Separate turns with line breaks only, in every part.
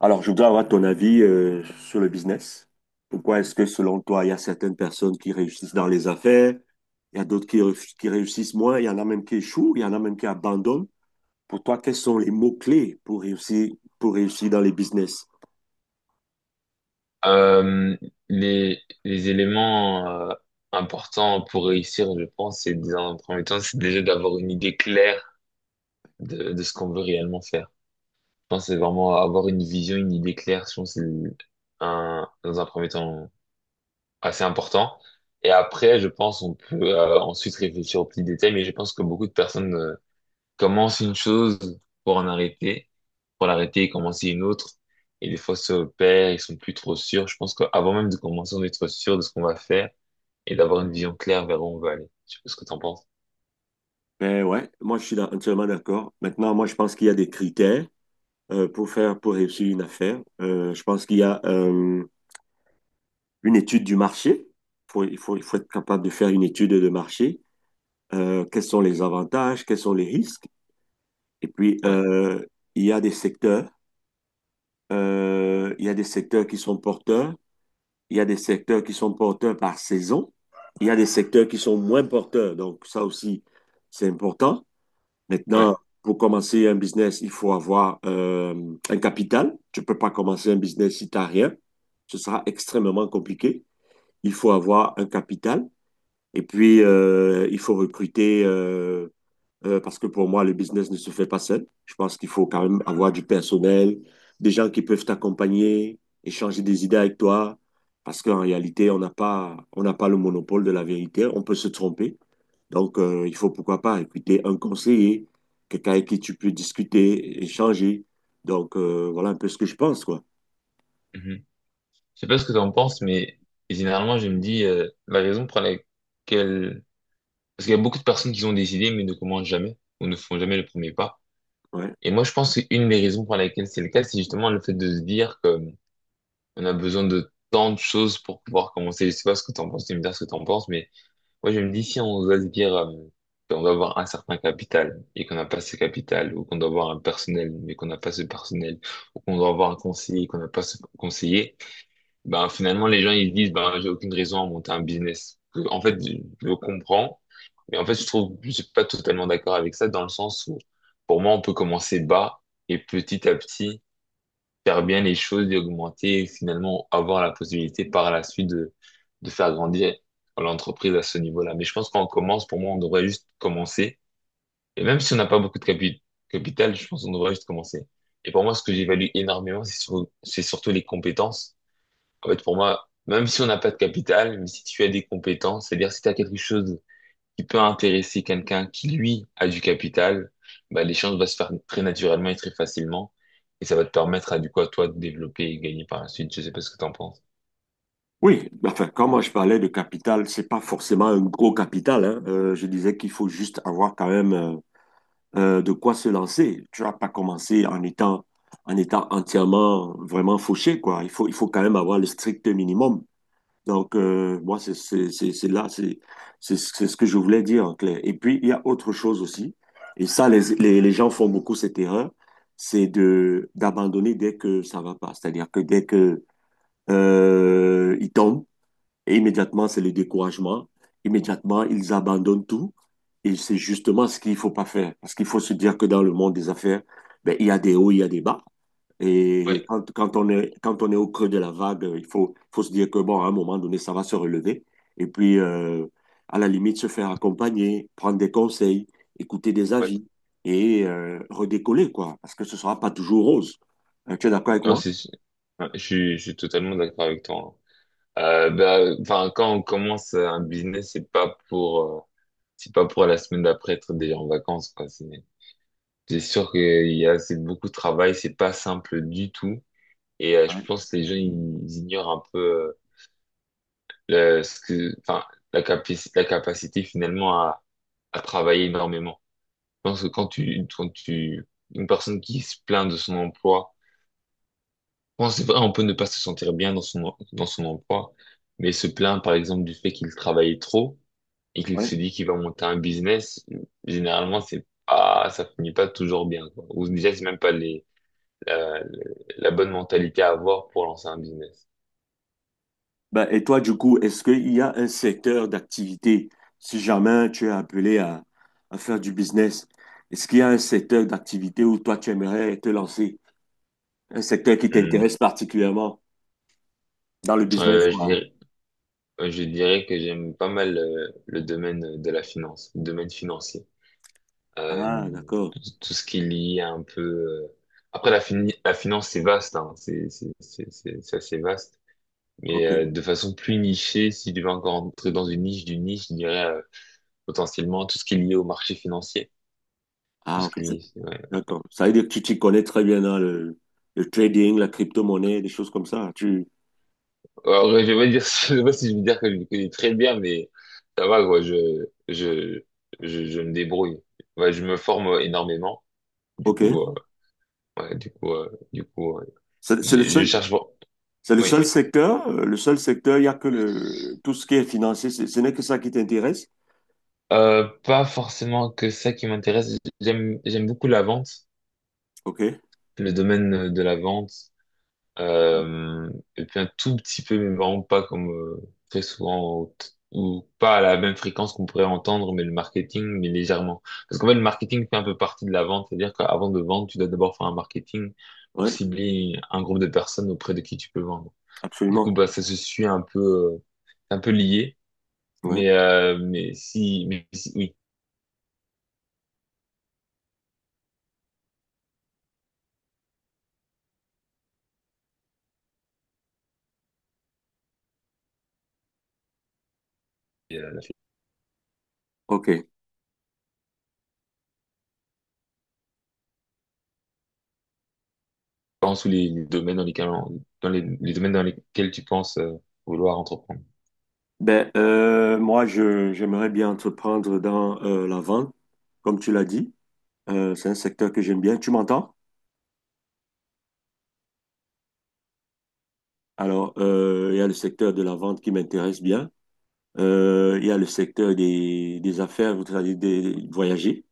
Alors, je voudrais avoir ton avis sur le business. Pourquoi est-ce que, selon toi, il y a certaines personnes qui réussissent dans les affaires, il y a d'autres qui réussissent moins, il y en a même qui échouent, il y en a même qui abandonnent. Pour toi, quels sont les mots-clés pour réussir dans les business?
Euh, les éléments importants pour réussir, je pense, c'est dans un premier temps, c'est déjà d'avoir une idée claire de ce qu'on veut réellement faire. Je pense que c'est vraiment avoir une vision, une idée claire, je pense que c'est un, dans un premier temps assez important. Et après, je pense on peut ensuite réfléchir aux petits détails, mais je pense que beaucoup de personnes commencent une chose pour en arrêter pour l'arrêter et commencer une autre. Et des fois, ça opère, ils sont plus trop sûrs. Je pense qu'avant même de commencer, on est trop sûr de ce qu'on va faire et d'avoir une vision claire vers où on veut aller. Je sais pas ce que t'en penses.
Ben ouais, moi, entièrement d'accord. Maintenant, moi, je pense qu'il y a des critères pour réussir une affaire. Je pense qu'il y a une étude du marché. Il faut être capable de faire une étude de marché. Quels sont les avantages, quels sont les risques? Et puis,
Ouais,
il y a des secteurs, il y a des secteurs qui sont porteurs, il y a des secteurs qui sont porteurs par saison, il y a des secteurs qui sont moins porteurs. Donc, ça aussi, c'est important. Maintenant,
ouais.
pour commencer un business, il faut avoir un capital. Tu ne peux pas commencer un business si tu n'as rien. Ce sera extrêmement compliqué. Il faut avoir un capital. Et puis, il faut recruter parce que pour moi, le business ne se fait pas seul. Je pense qu'il faut quand même avoir du personnel, des gens qui peuvent t'accompagner, échanger des idées avec toi, parce qu'en réalité, on n'a pas le monopole de la vérité, on peut se tromper. Donc, il faut pourquoi pas écouter un conseiller, quelqu'un avec qui tu peux discuter, échanger. Donc, voilà un peu ce que je pense, quoi.
Mhm. Je sais pas ce que t'en penses, mais généralement, je me dis, la raison pour laquelle... Parce qu'il y a beaucoup de personnes qui ont des idées, mais ne commencent jamais ou ne font jamais le premier pas.
Ouais.
Et moi, je pense qu'une des raisons pour laquelle c'est le cas, c'est justement le fait de se dire que on a besoin de tant de choses pour pouvoir commencer. Je sais pas ce que t'en penses, tu me dire ce que t'en penses, mais moi, je me dis, si on doit se dire qu'on doit avoir un certain capital et qu'on n'a pas ce capital, ou qu'on doit avoir un personnel mais qu'on n'a pas ce personnel, ou qu'on doit avoir un conseiller et qu'on n'a pas ce conseiller, ben finalement, les gens, ils se disent, ben j'ai aucune raison à monter un business. En fait, je le comprends, mais en fait, je trouve, je suis pas totalement d'accord avec ça dans le sens où, pour moi, on peut commencer bas et petit à petit faire bien les choses, d'augmenter et finalement avoir la possibilité par la suite de faire grandir l'entreprise à ce niveau-là. Mais je pense qu'on commence, pour moi, on devrait juste commencer. Et même si on n'a pas beaucoup de capital, je pense qu'on devrait juste commencer. Et pour moi, ce que j'évalue énormément, c'est surtout les compétences. En fait, pour moi, même si on n'a pas de capital, mais si tu as des compétences, c'est-à-dire si tu as quelque chose qui peut intéresser quelqu'un qui, lui, a du capital, bah, l'échange va se faire très naturellement et très facilement. Et ça va te permettre à, du coup, à toi de développer et gagner par la suite. Je sais pas ce que t'en penses.
Oui, enfin, quand moi je parlais de capital, c'est pas forcément un gros capital, hein. Je disais qu'il faut juste avoir quand même de quoi se lancer. Tu vas pas commencer en étant entièrement vraiment fauché, quoi. Il faut quand même avoir le strict minimum. Donc, moi, c'est là, c'est ce que je voulais dire en clair. Et puis, il y a autre chose aussi, et ça, les gens font beaucoup cette erreur, c'est de d'abandonner dès que ça va pas. C'est-à-dire que dès que ils tombent, et immédiatement, c'est le découragement. Immédiatement, ils abandonnent tout. Et c'est justement ce qu'il ne faut pas faire. Parce qu'il faut se dire que dans le monde des affaires, ben, il y a des hauts, il y a des bas. Et
Oui,
quand on est au creux de la vague, faut se dire que, bon, à un moment donné, ça va se relever. Et puis, à la limite, se faire accompagner, prendre des conseils, écouter des
ouais.
avis et redécoller, quoi. Parce que ce ne sera pas toujours rose. Tu es d'accord avec
Non,
moi?
ouais, je suis totalement d'accord avec toi, hein. Bah, enfin, quand on commence un business, c'est pas pour la semaine d'après être déjà en vacances, quoi. C'est sûr qu'il y a, c'est beaucoup de travail, c'est pas simple du tout. Et je
Ouais.
pense que les gens, ils ignorent un peu, enfin, la capacité finalement à travailler énormément. Je pense que une personne qui se plaint de son emploi, bon, c'est vrai, on peut ne pas se sentir bien dans dans son emploi, mais se plaint par exemple du fait qu'il travaille trop et qu'il
Ouais.
se dit qu'il va monter un business, généralement, c'est pas, ça finit pas toujours bien, quoi. Ou déjà, c'est même pas les, la, la bonne mentalité à avoir pour lancer un business.
Ben, et toi, du coup, est-ce qu'il y a un secteur d'activité, si jamais tu es appelé à faire du business, est-ce qu'il y a un secteur d'activité où toi, tu aimerais te lancer? Un secteur qui
Hum.
t'intéresse particulièrement dans le business,
Euh, je
quoi.
dirais- Je dirais que j'aime pas mal le domaine de la finance, le domaine financier. Euh,
Ah, d'accord.
Tout ce qui est lié à un peu... Après, la finance, c'est vaste, hein. C'est assez vaste. Mais
OK.
de façon plus nichée, si je devais encore entrer dans une niche d'une niche, je dirais potentiellement tout ce qui est lié au marché financier. Tout
Ah,
ce
OK.
qui est lié, ouais.
D'accord. Ça veut dire que tu t'y connais très bien dans le trading, la crypto-monnaie, des choses comme ça. Tu...
Alors, ouais, je vais pas dire, je sais pas si je vais dire que je le connais très bien, mais ça va, quoi. Je, je me débrouille. Ouais, je me forme énormément. Du coup, euh,
OK.
Ouais,
C'est c'est le
je
seul,
cherche bon.
c'est le
Oui.
seul secteur. Le seul secteur, il n'y a que le, tout ce qui est financier. Ce n'est que ça qui t'intéresse.
Pas forcément que ça qui m'intéresse. J'aime beaucoup la vente,
OK.
le domaine de la vente. Euh, et puis un tout petit peu, mais vraiment pas comme très souvent ou pas à la même fréquence qu'on pourrait entendre, mais le marketing, mais légèrement. Parce qu'en fait, le marketing fait un peu partie de la vente. C'est-à-dire qu'avant de vendre, tu dois d'abord faire un marketing pour
Ouais.
cibler un groupe de personnes auprès de qui tu peux vendre. Du coup,
Absolument.
bah, ça se suit un peu lié.
Oui.
Oui, la
OK.
différence ou les domaines dans les domaines dans lesquels tu penses vouloir entreprendre,
Ben, moi, j'aimerais bien entreprendre dans la vente, comme tu l'as dit. C'est un secteur que j'aime bien. Tu m'entends? Alors, il y a le secteur de la vente qui m'intéresse bien. Il y a le secteur des affaires, vous savez, des, voyager.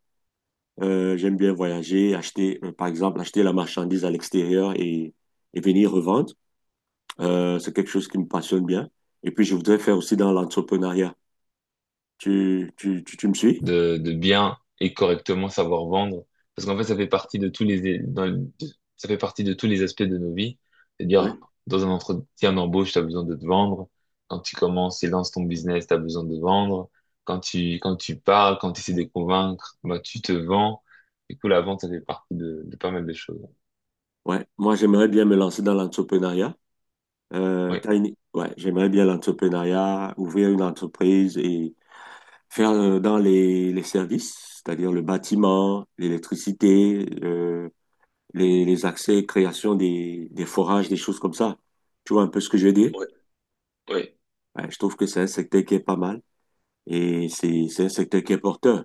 J'aime bien voyager, acheter, par exemple, acheter la marchandise à l'extérieur et venir revendre. C'est quelque chose qui me passionne bien. Et puis, je voudrais faire aussi dans l'entrepreneuriat. Tu me suis?
de bien et correctement savoir vendre, parce qu'en fait, ça fait partie de tous les, dans le- de- ça fait partie de tous les aspects de nos vies. C'est-à-dire,
Ouais.
dans un entretien d'embauche, tu as besoin de te vendre. Quand tu commences et lances ton business, tu as besoin de vendre. Quand tu parles, quand tu essaies de convaincre, bah, tu te vends. Du coup, la vente, ça fait partie de pas mal de choses.
Ouais, moi j'aimerais bien me lancer dans l'entrepreneuriat.
Oui,
Ouais, j'aimerais bien l'entrepreneuriat, ouvrir une entreprise et faire dans les services, c'est-à-dire le bâtiment, l'électricité, les accès, création des forages, des choses comme ça. Tu vois un peu ce que je veux dire?
oui, oui.
Ouais, je trouve que c'est un secteur qui est pas mal et c'est un secteur qui est porteur.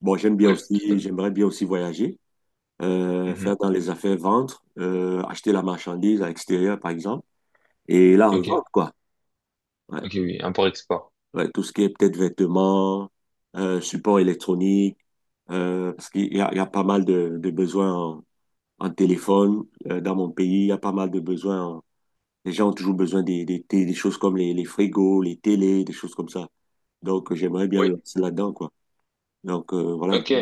Bon, j'aime bien
Ouais, tout à
aussi,
fait.
j'aimerais bien aussi voyager, faire
Mhm.
dans les affaires, vendre, acheter la marchandise à l'extérieur par exemple. Et la
Ok,
revente, quoi. Ouais.
ok, oui, import-export.
Ouais, tout ce qui est peut-être vêtements, support électronique, parce il y a pas mal de besoins en, en téléphone. Dans mon pays, il y a pas mal de besoins. Les gens ont toujours besoin des choses comme les frigos, les télés, des choses comme ça. Donc, j'aimerais bien me
Oui.
lancer là-dedans, quoi. Donc, voilà un
Ok,
peu.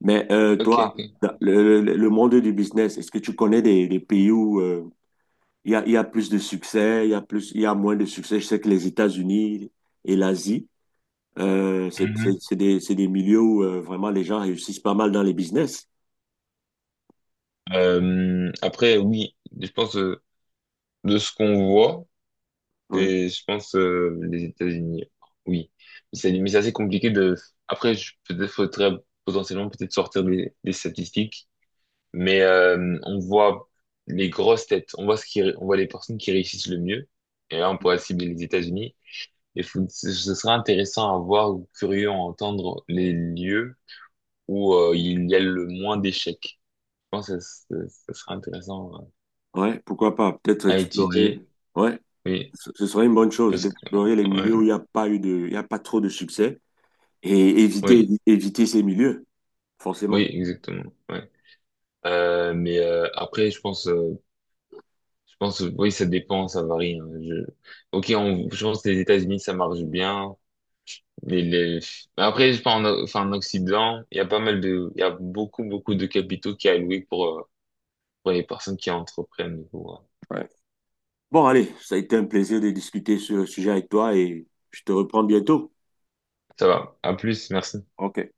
Mais
ok,
toi,
ok.
dans le monde du business, est-ce que tu connais des pays où il y a plus de succès, il y a plus, il y a moins de succès? Je sais que les États-Unis et l'Asie,
Mhm.
c'est des milieux où vraiment les gens réussissent pas mal dans les business.
Après, oui, je pense de ce qu'on voit,
Ouais,
c'est, je pense, les États-Unis. Oui, mais c'est assez compliqué de. Après, peut-être faudrait potentiellement peut-être sortir des statistiques, mais on voit les grosses têtes, on voit les personnes qui réussissent le mieux, et là on pourrait cibler les États-Unis. Ce ce serait intéressant à voir ou curieux à entendre les lieux où il y a le moins d'échecs. Je pense que ça serait intéressant
ouais, pourquoi pas? Peut-être
à
explorer.
étudier.
Ouais,
Oui,
ce serait une bonne chose
parce que
d'explorer les milieux où
ouais,
il y a pas trop de succès et éviter,
oui,
éviter ces milieux,
Oui,
forcément.
exactement. Ouais. Après, je pense, oui, ça dépend, ça varie, hein. Je... Ok, on, je pense que les États-Unis, ça marche bien. Les... mais après, je pense, enfin, en Occident, il y a pas mal de, il y a beaucoup de capitaux qui est alloué pour les personnes qui entreprennent. Du coup, ouais.
Ouais. Bon, allez, ça a été un plaisir de discuter sur le sujet avec toi et je te reprends bientôt.
Ça va. À plus, merci.
OK.